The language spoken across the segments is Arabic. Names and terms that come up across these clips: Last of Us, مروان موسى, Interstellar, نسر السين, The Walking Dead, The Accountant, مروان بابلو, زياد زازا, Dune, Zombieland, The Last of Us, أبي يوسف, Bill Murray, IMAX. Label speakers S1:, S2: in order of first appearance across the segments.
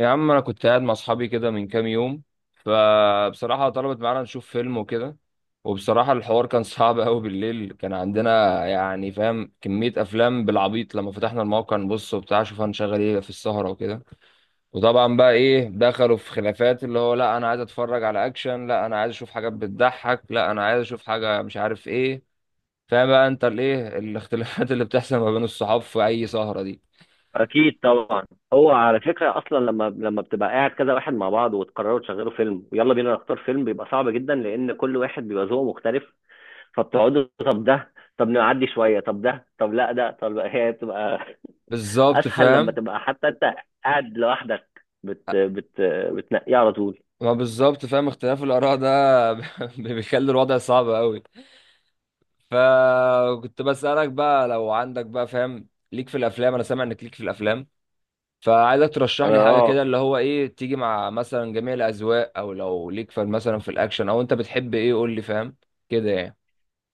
S1: يا عم، انا كنت قاعد مع اصحابي كده من كام يوم. فبصراحة طلبت معانا نشوف فيلم وكده. وبصراحة الحوار كان صعب قوي. بالليل كان عندنا، يعني فاهم، كمية افلام بالعبيط. لما فتحنا الموقع نبص وبتاع، شوف هنشغل ايه في السهرة وكده. وطبعا بقى ايه، دخلوا في خلافات، اللي هو لا انا عايز اتفرج على اكشن، لا انا عايز اشوف حاجات بتضحك، لا انا عايز اشوف حاجة مش عارف ايه. فاهم بقى انت الايه؟ الاختلافات اللي بتحصل ما بين الصحاب في اي سهرة دي.
S2: اكيد طبعا. هو على فكره اصلا لما بتبقى قاعد كذا واحد مع بعض وتقرروا تشغلوا فيلم ويلا بينا نختار فيلم، بيبقى صعب جدا لان كل واحد بيبقى ذوقه مختلف. فبتقعدوا طب ده، طب نعدي شويه، طب ده، طب لا ده، طب هي بتبقى
S1: بالظبط
S2: اسهل لما
S1: فاهم.
S2: تبقى حتى انت قاعد لوحدك بت بت بتنقيه على طول.
S1: ما بالظبط فاهم، اختلاف الآراء ده بيخلي الوضع صعب قوي. فكنت بسألك بقى، لو عندك بقى فاهم ليك في الأفلام، أنا سامع إنك ليك في الأفلام. فعايزك ترشح لي
S2: انا
S1: حاجة كده،
S2: اه
S1: اللي هو إيه، تيجي مع مثلا جميع الأذواق، أو لو ليك في مثلا في الأكشن، أو أنت بتحب إيه، قول لي فاهم كده يعني.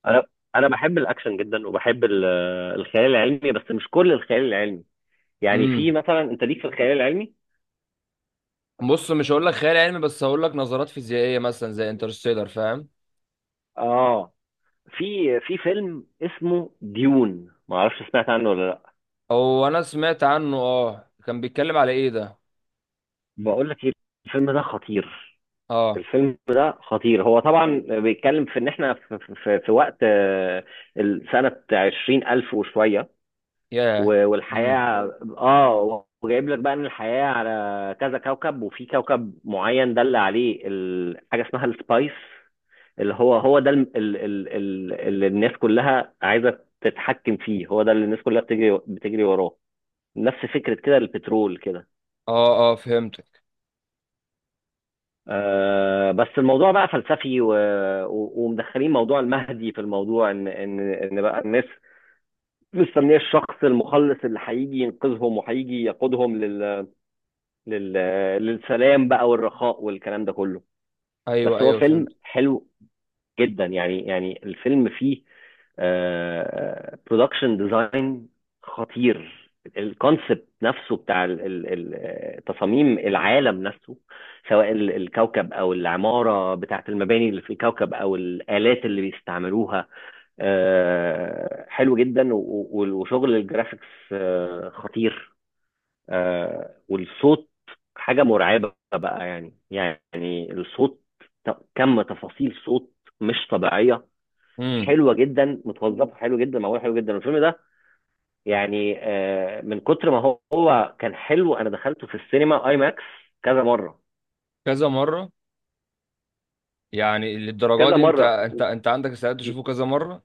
S2: انا انا بحب الاكشن جدا، وبحب الخيال العلمي بس مش كل الخيال العلمي. يعني
S1: امم.
S2: في مثلا، انت ليك في الخيال العلمي؟
S1: بص، مش هقول لك خيال علمي، بس هقول لك نظرات فيزيائية مثلا زي انترستيلر. فاهم؟
S2: اه. في في فيلم اسمه ديون، ما اعرفش سمعت عنه ولا لا.
S1: هو أنا سمعت عنه. أه، كان بيتكلم على إيه ده؟
S2: بقول لك ايه، الفيلم ده خطير.
S1: أه.
S2: الفيلم ده خطير. هو طبعا بيتكلم في ان احنا في وقت سنة 20,000 وشوية،
S1: ياه. امم.
S2: والحياة اه، وجايب لك بقى ان الحياة على كذا كوكب، وفي كوكب معين دل عليه حاجة اسمها السبايس. اللي هو، هو ده اللي الناس كلها عايزة تتحكم فيه، هو ده اللي الناس كلها بتجري وراه. نفس فكرة كده البترول كده.
S1: اه اه، فهمت.
S2: آه بس الموضوع بقى فلسفي، ومدخلين موضوع المهدي في الموضوع، ان بقى الناس مستنيه الشخص المخلص اللي هيجي ينقذهم وهيجي يقودهم لل... للسلام بقى والرخاء والكلام ده كله. بس
S1: ايوه
S2: هو
S1: ايوه،
S2: فيلم
S1: فهمت.
S2: حلو جدا. يعني الفيلم فيه برودكشن ديزاين خطير. الكونسبت نفسه بتاع تصاميم العالم نفسه، سواء الكوكب او العماره بتاعت المباني اللي في الكوكب او الالات اللي بيستعملوها. حلو جدا وشغل الجرافيكس خطير والصوت حاجه مرعبه بقى. يعني الصوت كم تفاصيل صوت مش طبيعيه.
S1: امم.
S2: حلوه جدا، متوظفه حلو جدا، معموله حلو جدا الفيلم ده. يعني من كتر ما هو كان حلو انا دخلته في السينما اي ماكس كذا مره.
S1: كذا مره. يعني للدرجه
S2: كذا
S1: دي انت
S2: مره.
S1: انت انت عندك استعداد تشوفه كذا مره؟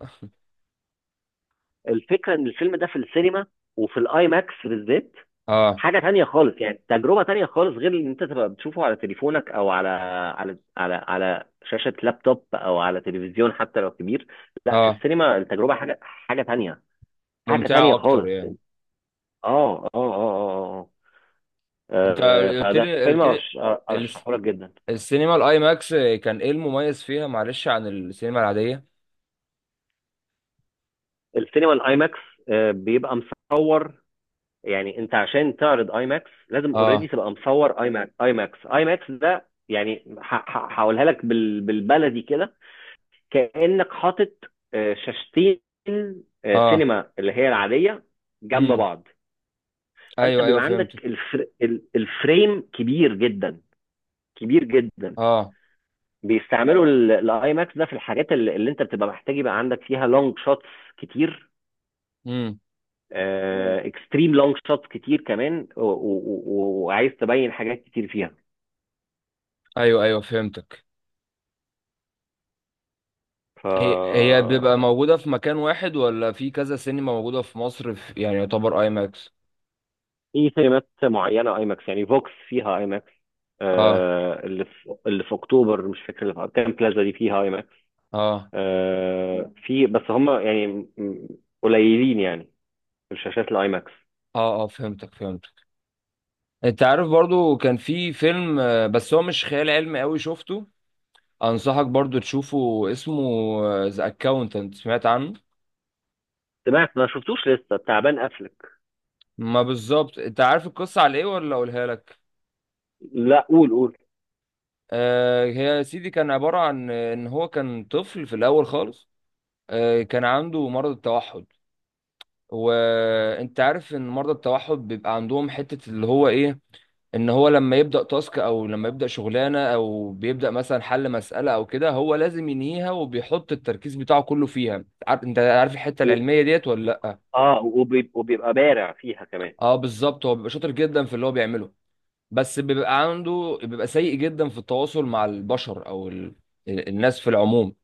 S2: الفكره ان الفيلم ده في السينما وفي الاي ماكس بالذات
S1: اه
S2: حاجه تانية خالص. يعني تجربه تانية خالص، غير ان انت تبقى بتشوفه على تليفونك او على على شاشه لابتوب او على تلفزيون حتى لو كبير. لا في
S1: اه.
S2: السينما التجربه حاجه تانية. حاجه تانية
S1: ممتعه اكتر
S2: خالص.
S1: يعني.
S2: اه اه اه اه
S1: انت قلت
S2: فده
S1: لي
S2: فيلم،
S1: قلت لي الس-
S2: ارشحه لك جدا.
S1: السينما الاي ماكس كان ايه المميز فيها؟ معلش، عن السينما العاديه.
S2: السينما الاي ماكس بيبقى مصور. يعني انت عشان تعرض اي ماكس لازم اوريدي
S1: اه.
S2: تبقى مصور اي ماكس. اي ماكس ده يعني هقولها لك بالبلدي كده. كانك حاطط شاشتين
S1: اه.
S2: سينما اللي هي العاديه، جنب
S1: امم.
S2: بعض. فانت
S1: ايوه ايوه،
S2: بيبقى
S1: فهمتك.
S2: عندك الفريم كبير جدا، كبير جدا.
S1: اه.
S2: بيستعملوا الاي ماكس ده في الحاجات اللي انت بتبقى محتاج يبقى عندك فيها لونج شوتس كتير.
S1: امم.
S2: مم. اكستريم لونج شوتس كتير كمان، وعايز تبين حاجات كتير فيها.
S1: ايوه ايوه، فهمتك.
S2: ف
S1: هي بيبقى موجوده في مكان واحد ولا في كذا سينما موجوده في مصر؟ في يعني يعتبر اي ماكس.
S2: في سينمات معينه اي ماكس، يعني فوكس فيها اي ماكس،
S1: اه
S2: اللي في اكتوبر مش فاكر، اللي في كام بلازا دي فيها اي ماكس.
S1: اه.
S2: في بس هم يعني قليلين يعني الشاشات الاي ماكس.
S1: اه اه، فهمتك فهمتك. انت عارف برضو كان في فيلم، بس هو مش خيال علمي قوي، شفته. انصحك برضو تشوفه، اسمه ذا اكاونتنت. سمعت عنه؟
S2: سمعت ما شفتوش لسه، تعبان قفلك.
S1: ما بالظبط، انت عارف القصة على ايه ولا اقولها لك؟
S2: لا قول قول.
S1: آه، هي يا سيدي كان عبارة عن، ان هو كان طفل في الاول خالص. آه، كان عنده مرض التوحد. وانت عارف ان مرضى التوحد بيبقى عندهم حتة اللي هو ايه. ان هو لما يبدا تاسك، او لما يبدا شغلانه، او بيبدا مثلا حل مساله او كده، هو لازم ينهيها وبيحط التركيز بتاعه كله فيها. انت عارف الحته العلميه ديت ولا لا؟
S2: اه، وبيبقى بارع فيها كمان.
S1: اه بالظبط، هو بيبقى شاطر جدا في اللي هو بيعمله. بس بيبقى سيء جدا في التواصل مع البشر، او الناس في العموم.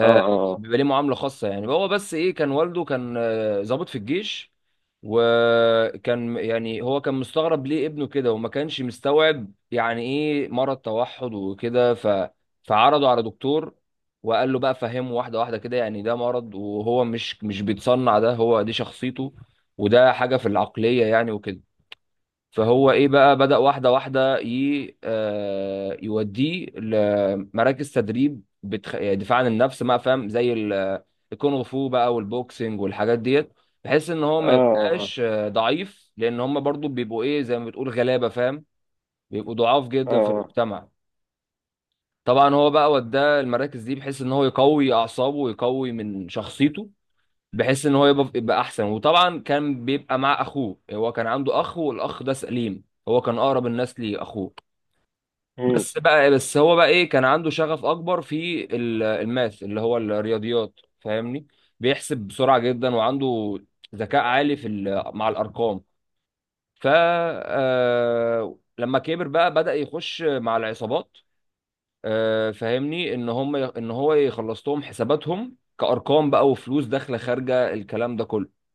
S2: اه اه
S1: بيبقى ليه معاملة خاصة يعني. هو بس ايه، كان والده كان، ضابط في الجيش. وكان يعني هو كان مستغرب ليه ابنه كده، وما كانش مستوعب يعني ايه مرض توحد وكده. فعرضه على دكتور. وقال له بقى فهمه واحدة واحدة كده، يعني ده مرض وهو مش بيتصنع، ده هو دي شخصيته. وده حاجة في العقلية يعني وكده. فهو ايه بقى، بدأ واحدة واحدة ي... آه، يوديه لمراكز تدريب، يعني دفاع عن النفس بقى. فاهم؟ زي الكونغ فو بقى والبوكسنج والحاجات ديت. بحيث ان هو
S2: اه.
S1: ما
S2: اه
S1: يبقاش ضعيف، لان هم برضو بيبقوا ايه، زي ما بتقول غلابة. فاهم؟ بيبقوا ضعاف
S2: اه
S1: جدا في
S2: اه.
S1: المجتمع. طبعا هو بقى وداه المراكز دي بحيث ان هو يقوي اعصابه ويقوي من شخصيته، بحيث ان هو يبقى احسن. وطبعا كان بيبقى مع اخوه. هو كان عنده اخ، والاخ ده سليم، هو كان اقرب الناس لاخوه.
S2: امم.
S1: بس هو بقى ايه، كان عنده شغف اكبر في الماث اللي هو الرياضيات. فاهمني؟ بيحسب بسرعة جدا، وعنده ذكاء عالي في مع الارقام. ف آه، لما كبر بقى بدأ يخش مع العصابات. فاهمني، ان هو يخلص لهم حساباتهم كارقام بقى، وفلوس داخله خارجه الكلام ده كله.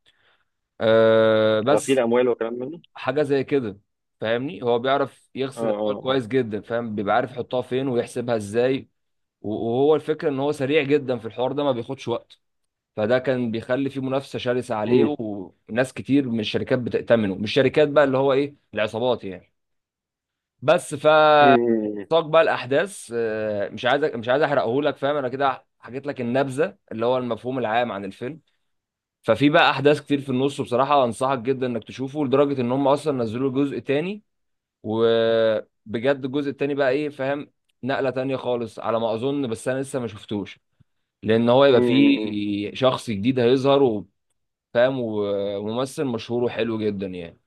S1: أه
S2: غسيل
S1: بس،
S2: اموال وكلام منه.
S1: حاجه زي كده. فاهمني، هو بيعرف
S2: اه
S1: يغسل الاموال
S2: اه اه.
S1: كويس جدا. فاهم؟ بيبقى عارف يحطها فين ويحسبها ازاي. وهو الفكره ان هو سريع جدا في الحوار ده، ما بياخدش وقت. فده كان بيخلي فيه منافسه شرسه عليه.
S2: امم.
S1: وناس كتير من الشركات بتأتمنه، مش شركات بقى، اللي هو ايه، العصابات يعني. بس ف
S2: امم.
S1: ساق بقى الاحداث. مش عايز، احرقه لك. فاهم؟ انا كده حكيت لك النبذه اللي هو المفهوم العام عن الفيلم. ففي بقى احداث كتير في النص، بصراحه انصحك جدا انك تشوفه، لدرجه ان هم اصلا نزلوا جزء تاني. وبجد الجزء التاني بقى ايه، فاهم، نقله تانيه خالص على ما اظن. بس انا لسه ما شفتوش. لان هو يبقى
S2: امم.
S1: فيه شخص جديد هيظهر، وفاهم، وممثل مشهور وحلو جدا يعني.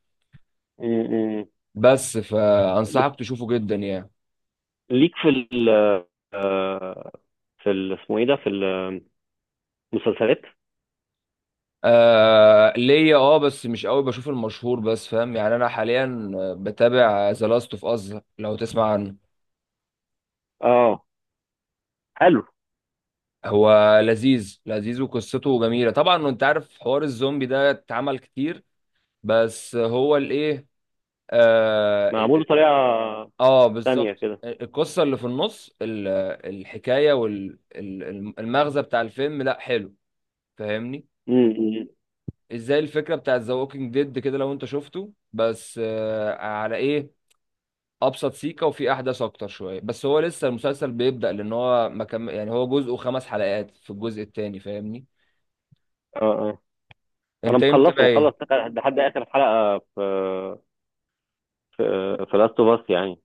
S2: امم.
S1: بس
S2: بت-
S1: فانصحك تشوفه جدا يعني.
S2: ليك في ال آه، في ال اسمه ايه ده في المسلسلات؟
S1: آه ليا اه، بس مش قوي بشوف المشهور بس. فاهم يعني، انا حاليا بتابع ذا لاست اوف اس، لو تسمع عنه.
S2: اه حلو.
S1: هو لذيذ لذيذ، وقصته جميلة طبعا. انت عارف حوار الزومبي ده اتعمل كتير، بس هو الايه، اه, ال-
S2: معمول
S1: ال-
S2: بطريقه
S1: آه
S2: تانية
S1: بالظبط.
S2: كده.
S1: القصة اللي في النص، الحكاية والمغزى بتاع الفيلم، لا حلو. فاهمني؟
S2: امم.
S1: ازاي الفكرة بتاعت ذا ووكينج ديد كده، لو انت شفته. بس على ايه، ابسط سيكة وفي احداث اكتر شوية. بس هو لسه المسلسل بيبدأ، لان هو مكمل يعني. هو جزءه 5 حلقات في الجزء التاني. فاهمني؟
S2: اه اه. انا
S1: انت امتى
S2: مخلصه
S1: بقى
S2: مخلص
S1: ايه،
S2: لحد اخر حلقه في في في لاست اوف اس، يعني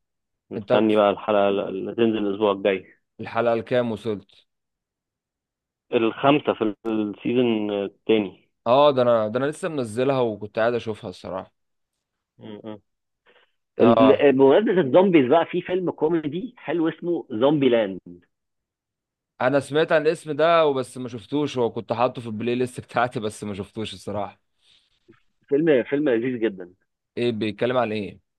S1: انت
S2: مستني بقى الحلقه اللي تنزل الاسبوع الجاي.
S1: الحلقة الكام وصلت؟
S2: الخمسة في السيزون التاني.
S1: اه، ده انا لسه منزلها وكنت قاعد اشوفها الصراحة.
S2: م- م.
S1: اه،
S2: بمناسبة الزومبيز بقى، في فيلم كوميدي حلو اسمه زومبي لاند.
S1: انا سمعت عن الاسم ده وبس، ما شفتوش. هو كنت حاطه في البلاي ليست بتاعتي، بس ما شفتوش الصراحة.
S2: فيلم لذيذ جدا.
S1: ايه بيتكلم عن ايه؟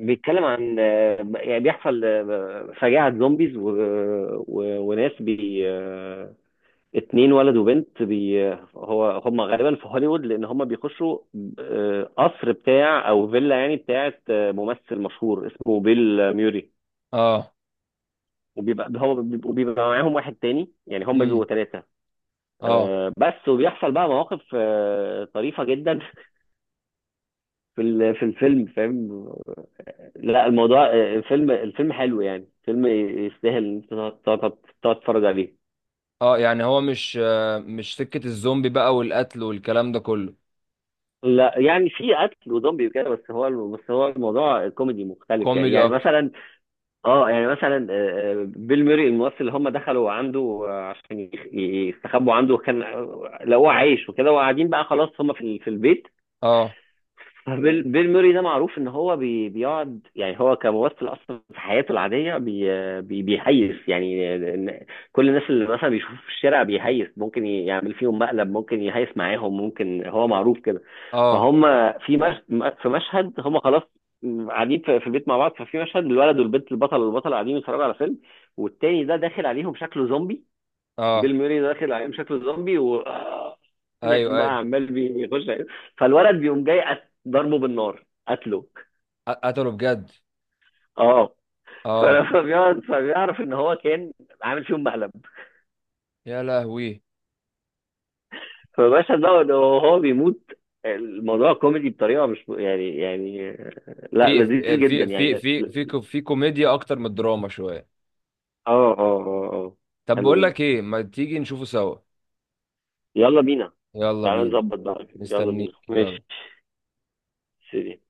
S2: بيتكلم عن يعني بيحصل فجاعة زومبيز، وناس بي 2 ولد وبنت بي هو هم غالبا في هوليوود لان هم بيخشوا قصر بتاع او فيلا يعني بتاعت ممثل مشهور اسمه بيل ميوري.
S1: اه.
S2: وبيبقى هو بيبقى معاهم واحد تاني، يعني هم بيبقوا
S1: امم.
S2: ثلاثة.
S1: اه
S2: بس وبيحصل بقى مواقف طريفة جدا في في الفيلم، فاهم. لا الموضوع الفيلم حلو، يعني فيلم يستاهل ان انت تقعد تتفرج عليه.
S1: اه. يعني هو مش سكة الزومبي بقى والقتل والكلام ده كله؟
S2: لا يعني في قتل وزومبي وكده، بس هو، الموضوع كوميدي مختلف. يعني
S1: كوميدي
S2: يعني
S1: اكتر؟
S2: مثلا اه، يعني مثلا بيل ميري الممثل اللي هم دخلوا عنده عشان يستخبوا عنده، كان لقوه عايش وكده، وقاعدين بقى خلاص هم في البيت.
S1: اه
S2: بيل موري ده معروف ان هو بيقعد يعني هو كممثل اصلا في حياته العاديه بي بي بيهيس يعني كل الناس اللي مثلا بيشوفه في الشارع بيهيس، ممكن يعمل فيهم مقلب، ممكن يهيس معاهم، ممكن، هو معروف كده.
S1: اه
S2: فهم في مش في مشهد هم خلاص قاعدين في البيت مع بعض. ففي مشهد الولد والبنت، البطل والبطل قاعدين يتفرجوا على فيلم، والتاني ده داخل عليهم شكله زومبي.
S1: اه.
S2: بيل موري داخل عليهم شكله زومبي و في الاخر
S1: ايوه
S2: بقى
S1: ايوه.
S2: عمال بيخش عليه. فالولد بيقوم جاي، ضربه بالنار، قتله.
S1: قتلوا بجد؟
S2: اه.
S1: اه.
S2: فلما بيقعد فبيعرف ان هو كان عامل فيهم مقلب.
S1: يا لهوي.
S2: فباشا ده وهو بيموت. الموضوع كوميدي بطريقه مش يعني، يعني لا لذيذ جدا، يعني اه.
S1: في كوميديا اكتر من الدراما شوية.
S2: اه اه اه.
S1: طب
S2: حلو
S1: بقول
S2: جدا.
S1: لك ايه، ما تيجي نشوفه سوا؟
S2: يلا بينا.
S1: يلا
S2: تعالى
S1: بينا.
S2: نظبط بقى، يلا بينا
S1: مستنيك،
S2: ماشي،
S1: يلا.
S2: سيدي.